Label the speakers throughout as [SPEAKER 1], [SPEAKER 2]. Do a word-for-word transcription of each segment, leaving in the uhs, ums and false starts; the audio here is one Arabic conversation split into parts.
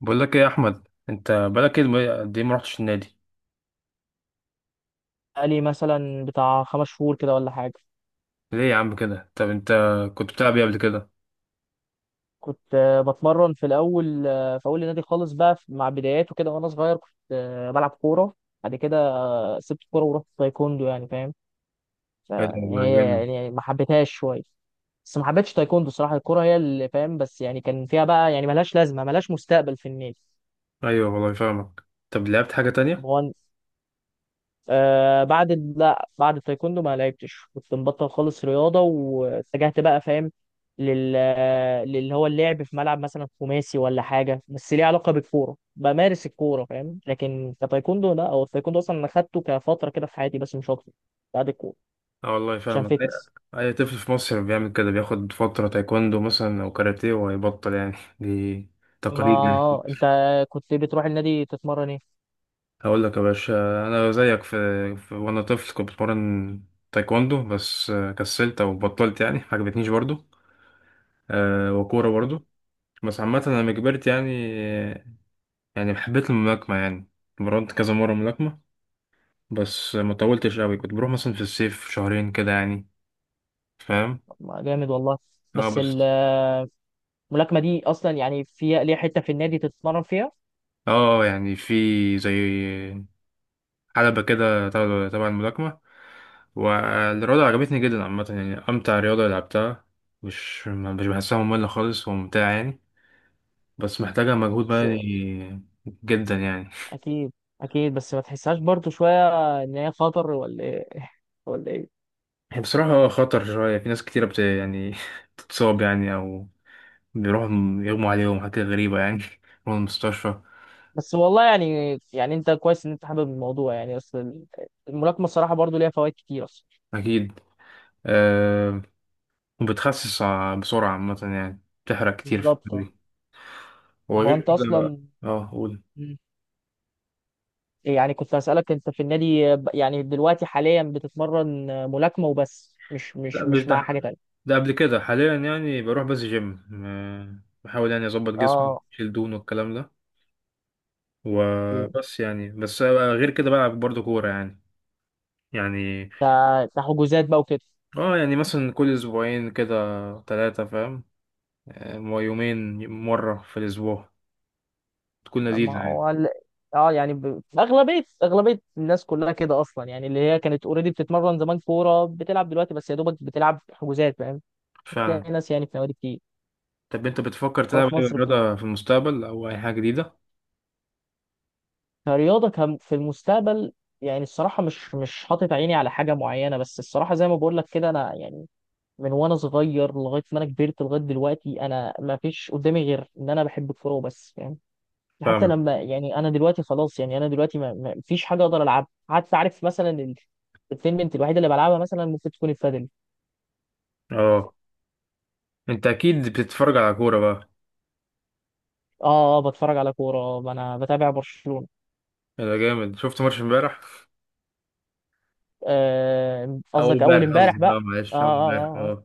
[SPEAKER 1] بقول لك ايه يا احمد، انت بقالك ايه الم- قد ايه ما رحتش النادي؟
[SPEAKER 2] بقالي مثلا بتاع خمس شهور كده ولا حاجة.
[SPEAKER 1] ليه يا عم كده؟ طب انت كنت بتلعب ايه قبل كده؟
[SPEAKER 2] كنت آه، بتمرن في الأول، آه، في أول النادي خالص بقى في- مع بداياته كده وأنا صغير. كنت آه، بلعب كورة بعد كده. سبت الكورة ورحت تايكوندو، يعني فاهم؟
[SPEAKER 1] ايه ده والله
[SPEAKER 2] فهي
[SPEAKER 1] جامد.
[SPEAKER 2] يعني ما حبيتهاش شوية، بس ما حبيتش تايكوندو الصراحة. الكورة هي اللي فاهم، بس يعني كان فيها بقى يعني ملهاش لازمة، ملهاش مستقبل في النادي.
[SPEAKER 1] ايوه والله فاهمك. طب لعبت حاجه
[SPEAKER 2] طب
[SPEAKER 1] تانية؟
[SPEAKER 2] هو آه بعد ال- لا، بعد التايكوندو ما لعبتش، كنت مبطل خالص رياضة، واتجهت بقى فاهم لل للي هو اللعب في ملعب مثلا خماسي ولا حاجة، بس ليه علاقة بالكورة، بمارس الكورة فاهم. لكن كتايكوندو لا، هو التايكوندو أصلا أنا خدته كفترة كده في حياتي بس مش أكتر، بعد الكورة،
[SPEAKER 1] اه والله
[SPEAKER 2] عشان
[SPEAKER 1] فاهمك. اي
[SPEAKER 2] فيتنس.
[SPEAKER 1] أي طفل في مصر بيعمل كده، بياخد فتره تايكوندو مثلا او كاراتيه وهيبطل يعني دي
[SPEAKER 2] ما
[SPEAKER 1] تقاليد يعني.
[SPEAKER 2] آه، أنت كنت بتروح النادي تتمرن إيه؟
[SPEAKER 1] هقول لك يا باشا، انا زيك في, في وانا طفل كنت بتمرن تايكوندو، بس آه، كسلت او بطلت يعني، ما عجبتنيش برضو. أه وكوره برضو. بس عامة أنا لما كبرت يعني يعني حبيت الملاكمة يعني. اتمرنت كذا مرة ملاكمة، بس ما طولتش قوي، كنت بروح مثلا في الصيف شهرين كده يعني، فاهم.
[SPEAKER 2] ما جامد والله.
[SPEAKER 1] اه
[SPEAKER 2] بس ال-
[SPEAKER 1] بس.
[SPEAKER 2] الملاكمة دي أصلا يعني فيها ليها حتة في النادي تتمرن فيها؟
[SPEAKER 1] اه يعني في زي حلبة كده تبع تبع الملاكمة. والرياضة عجبتني جدا عامة يعني، أمتع رياضة لعبتها، مش مش بحسها مملة خالص، وممتعة يعني، بس محتاجة مجهود بدني جدا يعني.
[SPEAKER 2] اكيد، اكيد. بس ما تحسهاش برضو شويه ان هي خطر ولا ايه؟ ولا ايه؟
[SPEAKER 1] هي بصراحة خطر شوية، في ناس كتيرة بت يعني تتصاب يعني، أو بيروحوا م- يغموا عليهم حاجات غريبة يعني يروحوا المستشفى.
[SPEAKER 2] بس والله يعني، يعني انت كويس ان انت حابب الموضوع، يعني اصل الملاكمه الصراحه برضو ليها فوائد كتير اصلا.
[SPEAKER 1] أكيد. أه، وبتخسس ع- بسرعة عامة يعني، بتحرق كتير في
[SPEAKER 2] بالظبط، اه.
[SPEAKER 1] الدوري،
[SPEAKER 2] طب هو
[SPEAKER 1] وغير
[SPEAKER 2] انت
[SPEAKER 1] كده.
[SPEAKER 2] اصلا
[SPEAKER 1] اه قول.
[SPEAKER 2] مم. يعني كنت هسألك، انت في النادي ب- يعني دلوقتي حاليا بتتمرن ملاكمه وبس، مش
[SPEAKER 1] لا
[SPEAKER 2] مش
[SPEAKER 1] مش
[SPEAKER 2] مش مع
[SPEAKER 1] ده
[SPEAKER 2] حاجه تانية؟
[SPEAKER 1] ده قبل كده. حاليا يعني بروح بس جيم، آه، بحاول يعني أظبط جسمي،
[SPEAKER 2] اه.
[SPEAKER 1] أشيل دهون والكلام ده،
[SPEAKER 2] إيه.
[SPEAKER 1] وبس يعني. بس آه، غير كده بلعب برضه كورة يعني. يعني
[SPEAKER 2] ده ده حجوزات بقى وكده.
[SPEAKER 1] اه يعني مثلا كل أسبوعين كده، ثلاثة، فاهم، آه، يومين مرة في الأسبوع، تكون
[SPEAKER 2] ما
[SPEAKER 1] لذيذة يعني.
[SPEAKER 2] هو ال- اه يعني ب... اغلبيه اغلبيه الناس كلها كده اصلا، يعني اللي هي كانت اوريدي بتتمرن زمان كوره، بتلعب دلوقتي بس يا دوبك بتلعب حجوزات فاهم. مش
[SPEAKER 1] فعلا.
[SPEAKER 2] هتلاقي ناس يعني في نوادي كتير.
[SPEAKER 1] طب انت بتفكر
[SPEAKER 2] الكوره
[SPEAKER 1] تلعب
[SPEAKER 2] في
[SPEAKER 1] اي
[SPEAKER 2] مصر بت...
[SPEAKER 1] رياضة في المستقبل او اي حاجة جديدة؟
[SPEAKER 2] كرياضه كم... في المستقبل يعني الصراحه مش، مش حاطط عيني على حاجه معينه. بس الصراحه زي ما بقول لك كده، انا يعني من وانا صغير لغايه ما انا كبرت لغايه دلوقتي انا ما فيش قدامي غير ان انا بحب الكوره وبس يعني. حتى
[SPEAKER 1] فاهمك.
[SPEAKER 2] لما يعني انا دلوقتي خلاص، يعني انا دلوقتي ما ما فيش حاجه اقدر العبها حتى، عارف مثلا ال- التنمنت الوحيده اللي بلعبها مثلا ممكن تكون البادل.
[SPEAKER 1] اه انت اكيد بتتفرج على كورة بقى.
[SPEAKER 2] اه، اه، بتفرج على كوره، آه، انا بتابع برشلونه.
[SPEAKER 1] ده جامد، شفت ماتش امبارح؟
[SPEAKER 2] آه،
[SPEAKER 1] اول
[SPEAKER 2] قصدك اول
[SPEAKER 1] امبارح
[SPEAKER 2] امبارح
[SPEAKER 1] قصدي، اه
[SPEAKER 2] بقى. اه
[SPEAKER 1] معلش، اول
[SPEAKER 2] اه
[SPEAKER 1] امبارح،
[SPEAKER 2] اه آه.
[SPEAKER 1] اه.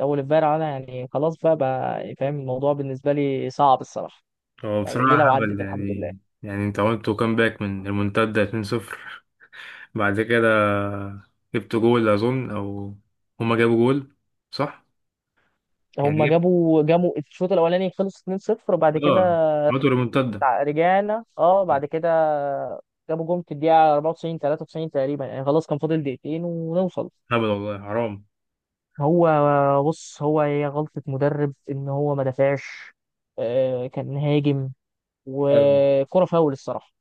[SPEAKER 2] آه. اول امبارح انا يعني خلاص بقى، بقى فاهم الموضوع بالنسبه لي صعب الصراحه.
[SPEAKER 1] هو
[SPEAKER 2] يعني
[SPEAKER 1] بصراحة
[SPEAKER 2] ليه، لو
[SPEAKER 1] هبل
[SPEAKER 2] عدت الحمد لله.
[SPEAKER 1] يعني، يعني انت عملتوا كام باك من المنتدى، اتنين صفر. بعد كده جبت جول اظن، او هما جابوا جول صح؟ يعني
[SPEAKER 2] هم
[SPEAKER 1] جبت.
[SPEAKER 2] جابوا جابوا الشوط الاولاني خلص اثنين صفر، وبعد كده
[SPEAKER 1] اه عملتوا ريمونتادا.
[SPEAKER 2] تع- رجعنا اه بعد كده جابوا جون في الدقيقة اربعه وتسعين، ثلاثة وتسعون تقريبا، يعني خلاص كان فاضل دقيقتين ونوصل.
[SPEAKER 1] هبل والله، حرام.
[SPEAKER 2] هو بص، هو هي غلطة مدرب ان هو ما دافعش، آه، كان هاجم.
[SPEAKER 1] فعلا.
[SPEAKER 2] وكرة فاول الصراحة،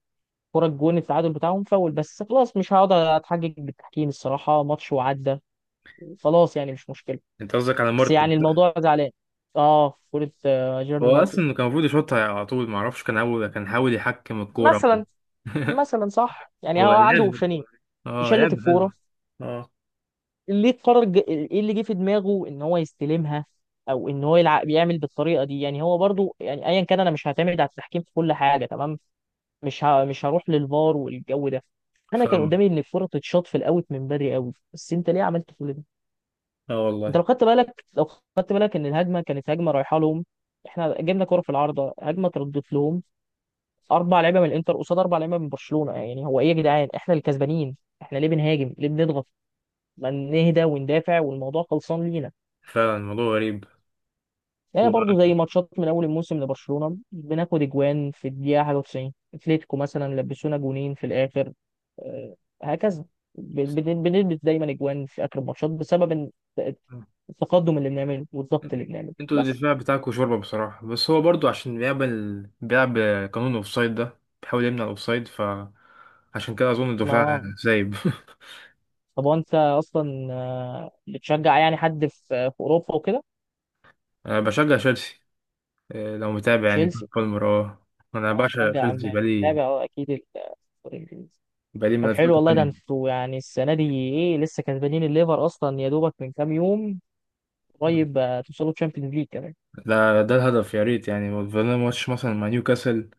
[SPEAKER 2] كرة الجون التعادل بتاعهم فاول، بس خلاص مش هقعد اتحجج بالتحكيم الصراحة، ماتش وعدى خلاص، يعني مش مشكلة.
[SPEAKER 1] انت قصدك على
[SPEAKER 2] بس
[SPEAKER 1] مارتن؟
[SPEAKER 2] يعني الموضوع زعلان. اه كرة، آه، جيرارد
[SPEAKER 1] هو
[SPEAKER 2] مارتن
[SPEAKER 1] اصلا كان المفروض يشوطها على طول، ما اعرفش، كان اول كان حاول يحكم الكوره.
[SPEAKER 2] مثلا. مثلا صح، يعني
[SPEAKER 1] هو
[SPEAKER 2] هو عنده
[SPEAKER 1] لعب،
[SPEAKER 2] اوبشنين،
[SPEAKER 1] اه
[SPEAKER 2] يشلت
[SPEAKER 1] لعب حلو.
[SPEAKER 2] الكوره.
[SPEAKER 1] اه
[SPEAKER 2] ليه قرر ج- ايه اللي جه في دماغه ان هو يستلمها او ان هو يلعب، يعمل بالطريقه دي؟ يعني هو برضو، يعني ايا كان انا مش هعتمد على التحكيم في كل حاجه تمام. مش ه... مش هروح للفار والجو ده. انا كان
[SPEAKER 1] فاهم.
[SPEAKER 2] قدامي ان الكوره تتشاط في الاوت من بدري قوي، بس انت ليه عملت كل ده؟
[SPEAKER 1] اه
[SPEAKER 2] انت
[SPEAKER 1] والله.
[SPEAKER 2] لو خدت بالك، لو خدت بالك ان الهجمه كانت هجمه رايحه لهم. احنا جبنا كوره في العارضه، هجمه تردت لهم، اربع لعيبه من الانتر قصاد اربع لعيبه من برشلونه، يعني هو ايه يا جدعان احنا الكسبانين، احنا ليه بنهاجم؟ ليه بنضغط؟ ما نهدى وندافع والموضوع خلصان لينا.
[SPEAKER 1] فعلا الموضوع غريب.
[SPEAKER 2] هي
[SPEAKER 1] و...
[SPEAKER 2] برضه زي ماتشات من اول الموسم لبرشلونه بناخد اجوان في الدقيقه حاجه تسعون، اتلتيكو مثلا لبسونا جونين في الاخر، آه، هكذا. بن- بن- بنلبس دايما اجوان في اخر الماتشات بسبب إن- التقدم اللي بنعمله والضغط اللي بنعمله
[SPEAKER 1] انتوا
[SPEAKER 2] بس.
[SPEAKER 1] الدفاع بتاعكوا شوربه بصراحه، بس هو برضو عشان بيعمل، بيلعب قانون الاوفسايد ده، بيحاول يمنع الاوفسايد، ف عشان كده اظن الدفاع
[SPEAKER 2] ما
[SPEAKER 1] سايب.
[SPEAKER 2] طب وانت اصلا آه، بتشجع يعني حد في في اوروبا وكده؟
[SPEAKER 1] انا بشجع تشيلسي، إيه، لو متابع يعني.
[SPEAKER 2] تشيلسي.
[SPEAKER 1] بالمر، اه. انا
[SPEAKER 2] اه
[SPEAKER 1] بعشق
[SPEAKER 2] مرجع م-
[SPEAKER 1] تشيلسي بقالي
[SPEAKER 2] متابع اه اكيد ال- الدوري الانجليزي.
[SPEAKER 1] بقالي من
[SPEAKER 2] طب حلو والله، ده
[SPEAKER 1] ألفين وتمنية.
[SPEAKER 2] انتوا يعني السنه دي ايه، لسه كسبانين الليفر اصلا يا دوبك من كام يوم قريب، آه، توصلوا تشامبيونز ليج كمان.
[SPEAKER 1] ده ده الهدف، يا ريت يعني. فضلنا ماتش مثلا مع نيوكاسل،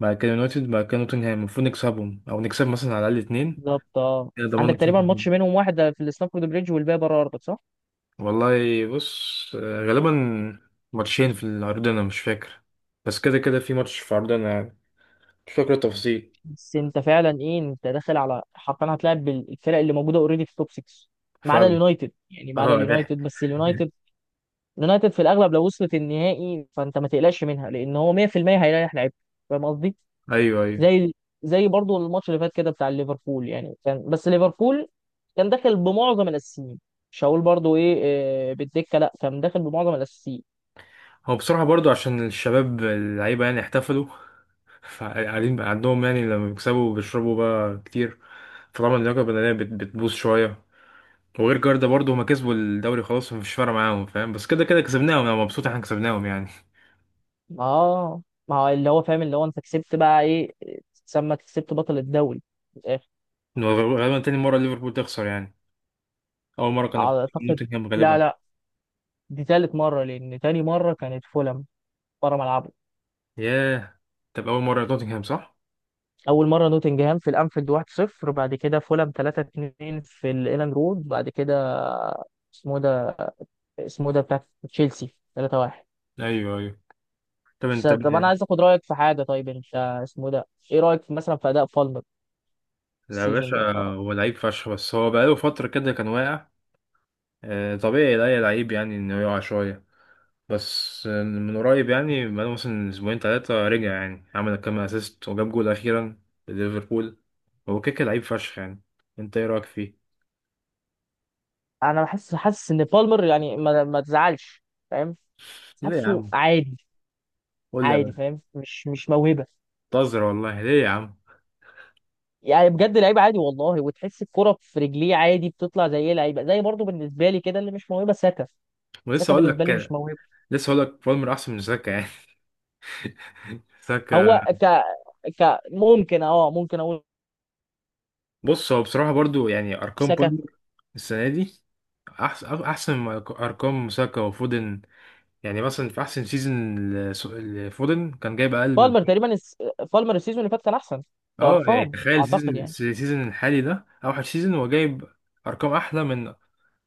[SPEAKER 1] بعد كده يونايتد، بعد كده نوتنهام، المفروض نكسبهم او نكسب مثلا على الاقل اتنين،
[SPEAKER 2] بالظبط، اه.
[SPEAKER 1] كده ضمننا
[SPEAKER 2] عندك تقريبا
[SPEAKER 1] الشامبيونز ليج.
[SPEAKER 2] ماتش منهم واحد آه، في الاستانفورد بريدج والباقي بره ارضك، صح؟
[SPEAKER 1] والله بص، آه، غالبا ماتشين في العرضنا، مش فاكر، بس كده كده في ماتش في عرضنا يعني، مش فاكر التفاصيل.
[SPEAKER 2] بس انت فعلا ايه، انت داخل على حرفيا هتلاعب بالفرق اللي موجوده اوريدي في التوب سته، ما عدا
[SPEAKER 1] فعلا.
[SPEAKER 2] اليونايتد يعني، ما عدا
[SPEAKER 1] اه ده.
[SPEAKER 2] اليونايتد. بس اليونايتد، اليونايتد في الاغلب لو وصلت النهائي فانت ما تقلقش منها، لان هو ميه في الميه هيريح لعيبته، فاهم قصدي؟
[SPEAKER 1] ايوه ايوه.
[SPEAKER 2] زي، زي برضو الماتش اللي فات كده بتاع ليفربول. يعني كان بس ليفربول كان داخل بمعظم الاساسيين، مش هقول برضو ايه آه، بالدكه، لا كان داخل بمعظم الاساسيين.
[SPEAKER 1] هو بصراحة برضو عشان الشباب اللعيبة يعني احتفلوا، فقاعدين بقى عندهم، يعني لما بيكسبوا بيشربوا بقى كتير، فطبعا اللياقة البدنية بت- بتبوظ شوية. وغير جاردا برضه هما كسبوا الدوري خلاص، مفيش فارق معاهم فاهم، بس كده كده كسبناهم، انا مبسوط إن احنا كسبناهم يعني.
[SPEAKER 2] اه. ما هو اللي هو فاهم، اللي هو انت كسبت بقى ايه؟ تسمى كسبت بطل الدوري في الاخر.
[SPEAKER 1] غالبا تاني مرة ليفربول تخسر يعني، أول مرة كانوا خسروا
[SPEAKER 2] اعتقد
[SPEAKER 1] نوتنغهام
[SPEAKER 2] لا،
[SPEAKER 1] غالبا.
[SPEAKER 2] لا، دي تالت مره، لان تاني مره كانت فولهام بره ملعبه.
[SPEAKER 1] ياه. طب أول مرة نوتنغهام صح؟
[SPEAKER 2] اول مره نوتنجهام في الانفيلد واحد صفر، بعد كده فولهام ثلاثة اثنين في الايلاند رود، بعد كده اسمه ده، اسمه ده بتاع تشيلسي تلاته واحد.
[SPEAKER 1] أيوه أيوه. طب
[SPEAKER 2] س-
[SPEAKER 1] أنت
[SPEAKER 2] طب انا
[SPEAKER 1] ب-
[SPEAKER 2] عايز اخد رايك في حاجه، طيب انت اسمه ده ايه رايك في مثلا في اداء بالمر
[SPEAKER 1] لا يا
[SPEAKER 2] السيزون
[SPEAKER 1] باشا.
[SPEAKER 2] ده؟
[SPEAKER 1] هو لعيب فشخ، بس هو بقاله فترة كده كان واقع، آه، طبيعي لا يا لعيب يعني إنه يقع شوية، بس آه، من قريب يعني بقاله مثلا أسبوعين تلاتة رجع يعني، عمل كام أسيست وجاب جول أخيرا لليفربول. هو كيكة لعيب فشخ يعني. أنت إيه رأيك فيه؟
[SPEAKER 2] انا بحس، حاسس ان بالمر يعني ما, ما تزعلش فاهم،
[SPEAKER 1] ليه يا
[SPEAKER 2] حاسه
[SPEAKER 1] عم؟
[SPEAKER 2] عادي،
[SPEAKER 1] قول لي يا
[SPEAKER 2] عادي
[SPEAKER 1] باشا.
[SPEAKER 2] فاهم، مش، مش موهبه،
[SPEAKER 1] بتهزر والله، ليه يا عم؟
[SPEAKER 2] يعني بجد لعيب عادي والله، وتحس الكرة في رجليه عادي بتطلع زي ايه لعيبه، زي برضه بالنسبه لي كده اللي مش موهبه ساكا.
[SPEAKER 1] ولسه
[SPEAKER 2] ساكا
[SPEAKER 1] اقول لك
[SPEAKER 2] بالنسبه لي مش
[SPEAKER 1] كده.
[SPEAKER 2] موهبه.
[SPEAKER 1] لسه اقول لك بالمر احسن من ساكا يعني. ساكا.
[SPEAKER 2] هو ك، ك ممكن اه ممكن اقول
[SPEAKER 1] بص هو بصراحه برضو، يعني ارقام
[SPEAKER 2] ساكا.
[SPEAKER 1] بالمر السنه دي احسن، احسن من ارقام ساكا وفودن يعني. مثلا في احسن سيزون لس- لفودن كان جايب اقل من...
[SPEAKER 2] بالمر تقريبا الس- بالمر السيزون اللي فات كان احسن
[SPEAKER 1] اه يعني
[SPEAKER 2] كارقام
[SPEAKER 1] تخيل،
[SPEAKER 2] اعتقد
[SPEAKER 1] السيزون
[SPEAKER 2] يعني.
[SPEAKER 1] السيزون الحالي ده اوحش سيزون هو جايب ارقام احلى من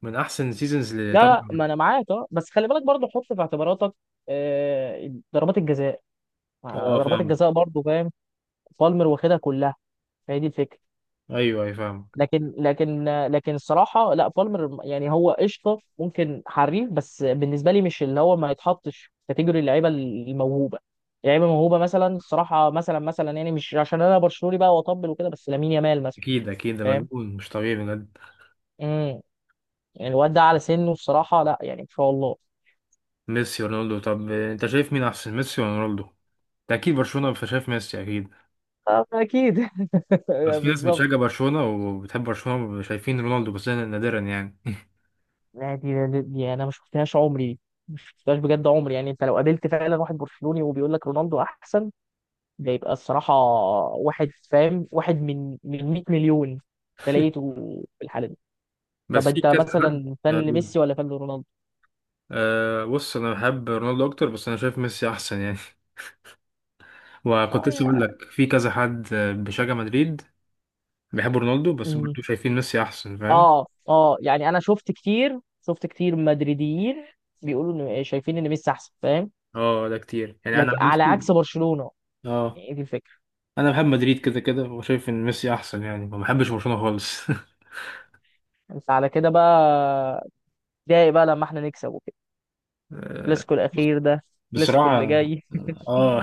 [SPEAKER 1] من احسن سيزونز اللي
[SPEAKER 2] لا
[SPEAKER 1] تبع.
[SPEAKER 2] لا ما انا معاك، اه بس خلي بالك برضه حط في اعتباراتك آه، ضربات الجزاء، آه،
[SPEAKER 1] اه
[SPEAKER 2] ضربات
[SPEAKER 1] فاهمك.
[SPEAKER 2] الجزاء برضه فاهم. بالمر واخدها كلها، فهي دي الفكره.
[SPEAKER 1] ايوه ايوه فاهمك.
[SPEAKER 2] لكن لكن آه، لكن الصراحه لا، بالمر يعني هو قشطه، ممكن حريف، بس بالنسبه لي مش اللي هو، ما يتحطش في كاتيجوري اللعيبه الموهوبه. لعيبه موهوبه مثلا الصراحه، مثلا، مثلا يعني مش عشان انا برشلوني بقى واطبل وكده، بس لامين يامال مثلا.
[SPEAKER 1] اكيد اكيد، ده
[SPEAKER 2] فاهم؟
[SPEAKER 1] مجنون، مش طبيعي بجد.
[SPEAKER 2] امم، يعني الواد ده على سنه الصراحه لا، يعني ما شاء الله.
[SPEAKER 1] ميسي رونالدو، طب انت شايف مين احسن، ميسي ولا رونالدو؟ انت اكيد برشلونة فشايف ميسي اكيد.
[SPEAKER 2] آه، اكيد
[SPEAKER 1] بس في ناس
[SPEAKER 2] بالظبط.
[SPEAKER 1] بتشجع برشلونة وبتحب برشلونة شايفين رونالدو، بس ده نادرا يعني.
[SPEAKER 2] لا دي، دي، دي انا ما شفتهاش عمري دي، ما شفتهاش بجد عمري. يعني انت لو قابلت فعلا واحد برشلوني وبيقول لك رونالدو احسن، ده يبقى الصراحه واحد فاهم، واحد من من ميت مليون ده لقيته في الحاله دي. طب
[SPEAKER 1] بس في
[SPEAKER 2] انت
[SPEAKER 1] كذا حد.
[SPEAKER 2] مثلا فان
[SPEAKER 1] آه،
[SPEAKER 2] لميسي ولا فان لرونالدو؟
[SPEAKER 1] آه، بص انا بحب رونالدو اكتر، بس انا شايف ميسي احسن يعني.
[SPEAKER 2] اه
[SPEAKER 1] وكنت لسه اقول
[SPEAKER 2] يا-
[SPEAKER 1] لك في كذا حد آه، بيشجع مدريد، بيحب رونالدو بس
[SPEAKER 2] مم.
[SPEAKER 1] برضه شايفين ميسي احسن، فاهم.
[SPEAKER 2] اه، اه يعني انا شفت كتير، شفت كتير مدريديين بيقولوا ان شايفين ان ميسي احسن، فاهم؟
[SPEAKER 1] اه ده كتير، يعني انا
[SPEAKER 2] لكن
[SPEAKER 1] عن
[SPEAKER 2] على
[SPEAKER 1] نفسي.
[SPEAKER 2] عكس برشلونه،
[SPEAKER 1] اه
[SPEAKER 2] يعني ايه دي الفكره.
[SPEAKER 1] انا بحب مدريد كده كده وشايف ان ميسي احسن يعني، ما بحبش برشلونة خالص.
[SPEAKER 2] انت على كده بقى اتضايق بقى لما احنا نكسب الكلاسيكو الاخير ده، الكلاسيكو اللي
[SPEAKER 1] بصراحة
[SPEAKER 2] جاي
[SPEAKER 1] اه،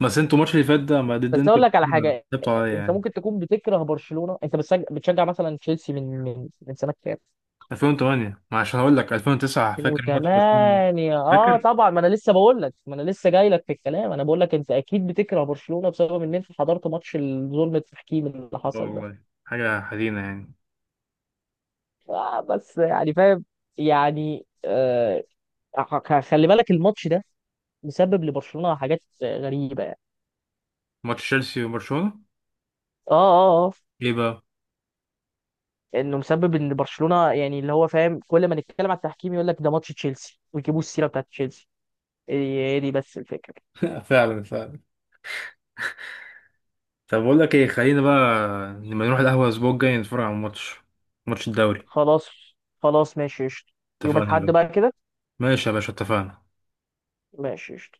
[SPEAKER 1] بس انتوا الماتش اللي فات ده ما ضد
[SPEAKER 2] بس اقول
[SPEAKER 1] انتوا،
[SPEAKER 2] لك على حاجه،
[SPEAKER 1] كسبتوا عليا
[SPEAKER 2] انت
[SPEAKER 1] يعني.
[SPEAKER 2] ممكن تكون بتكره برشلونه، انت بتشجع, بتشجع مثلا تشيلسي من من من سنه كام؟
[SPEAKER 1] ألفين وتمنية، ما عشان اقول لك ألفين وتسعة فاكر ماتش برشلونة؟
[SPEAKER 2] الفين وتمانيه. اه
[SPEAKER 1] فاكر؟
[SPEAKER 2] طبعا، ما انا لسه بقول لك، ما انا لسه جاي لك في الكلام، انا بقول لك انت اكيد بتكره برشلونه بسبب ان انت حضرت ماتش ظلم التحكيم اللي
[SPEAKER 1] اه
[SPEAKER 2] حصل ده.
[SPEAKER 1] والله، حاجة حزينة يعني.
[SPEAKER 2] آه بس يعني فاهم، يعني آه، خ- خلي بالك الماتش ده مسبب لبرشلونه حاجات غريبه يعني.
[SPEAKER 1] ماتش تشيلسي وبرشلونة،
[SPEAKER 2] اه اه اه.
[SPEAKER 1] ايه بقى؟
[SPEAKER 2] انه مسبب ان برشلونه يعني اللي هو فاهم، كل ما نتكلم على التحكيم يقول لك ده ماتش تشيلسي ويجيبوا السيره بتاعت تشيلسي. هي هي دي بس الفكره.
[SPEAKER 1] فعلا فعلا. طب بقول لك ايه، خلينا بقى لما نروح القهوة الاسبوع الجاي نتفرج على الماتش، ماتش الدوري.
[SPEAKER 2] خلاص، خلاص ماشي قشطه. يوم
[SPEAKER 1] اتفقنا يا
[SPEAKER 2] الاحد
[SPEAKER 1] باشا.
[SPEAKER 2] بقى كده.
[SPEAKER 1] ماشي يا باشا، اتفقنا.
[SPEAKER 2] ماشي قشطه.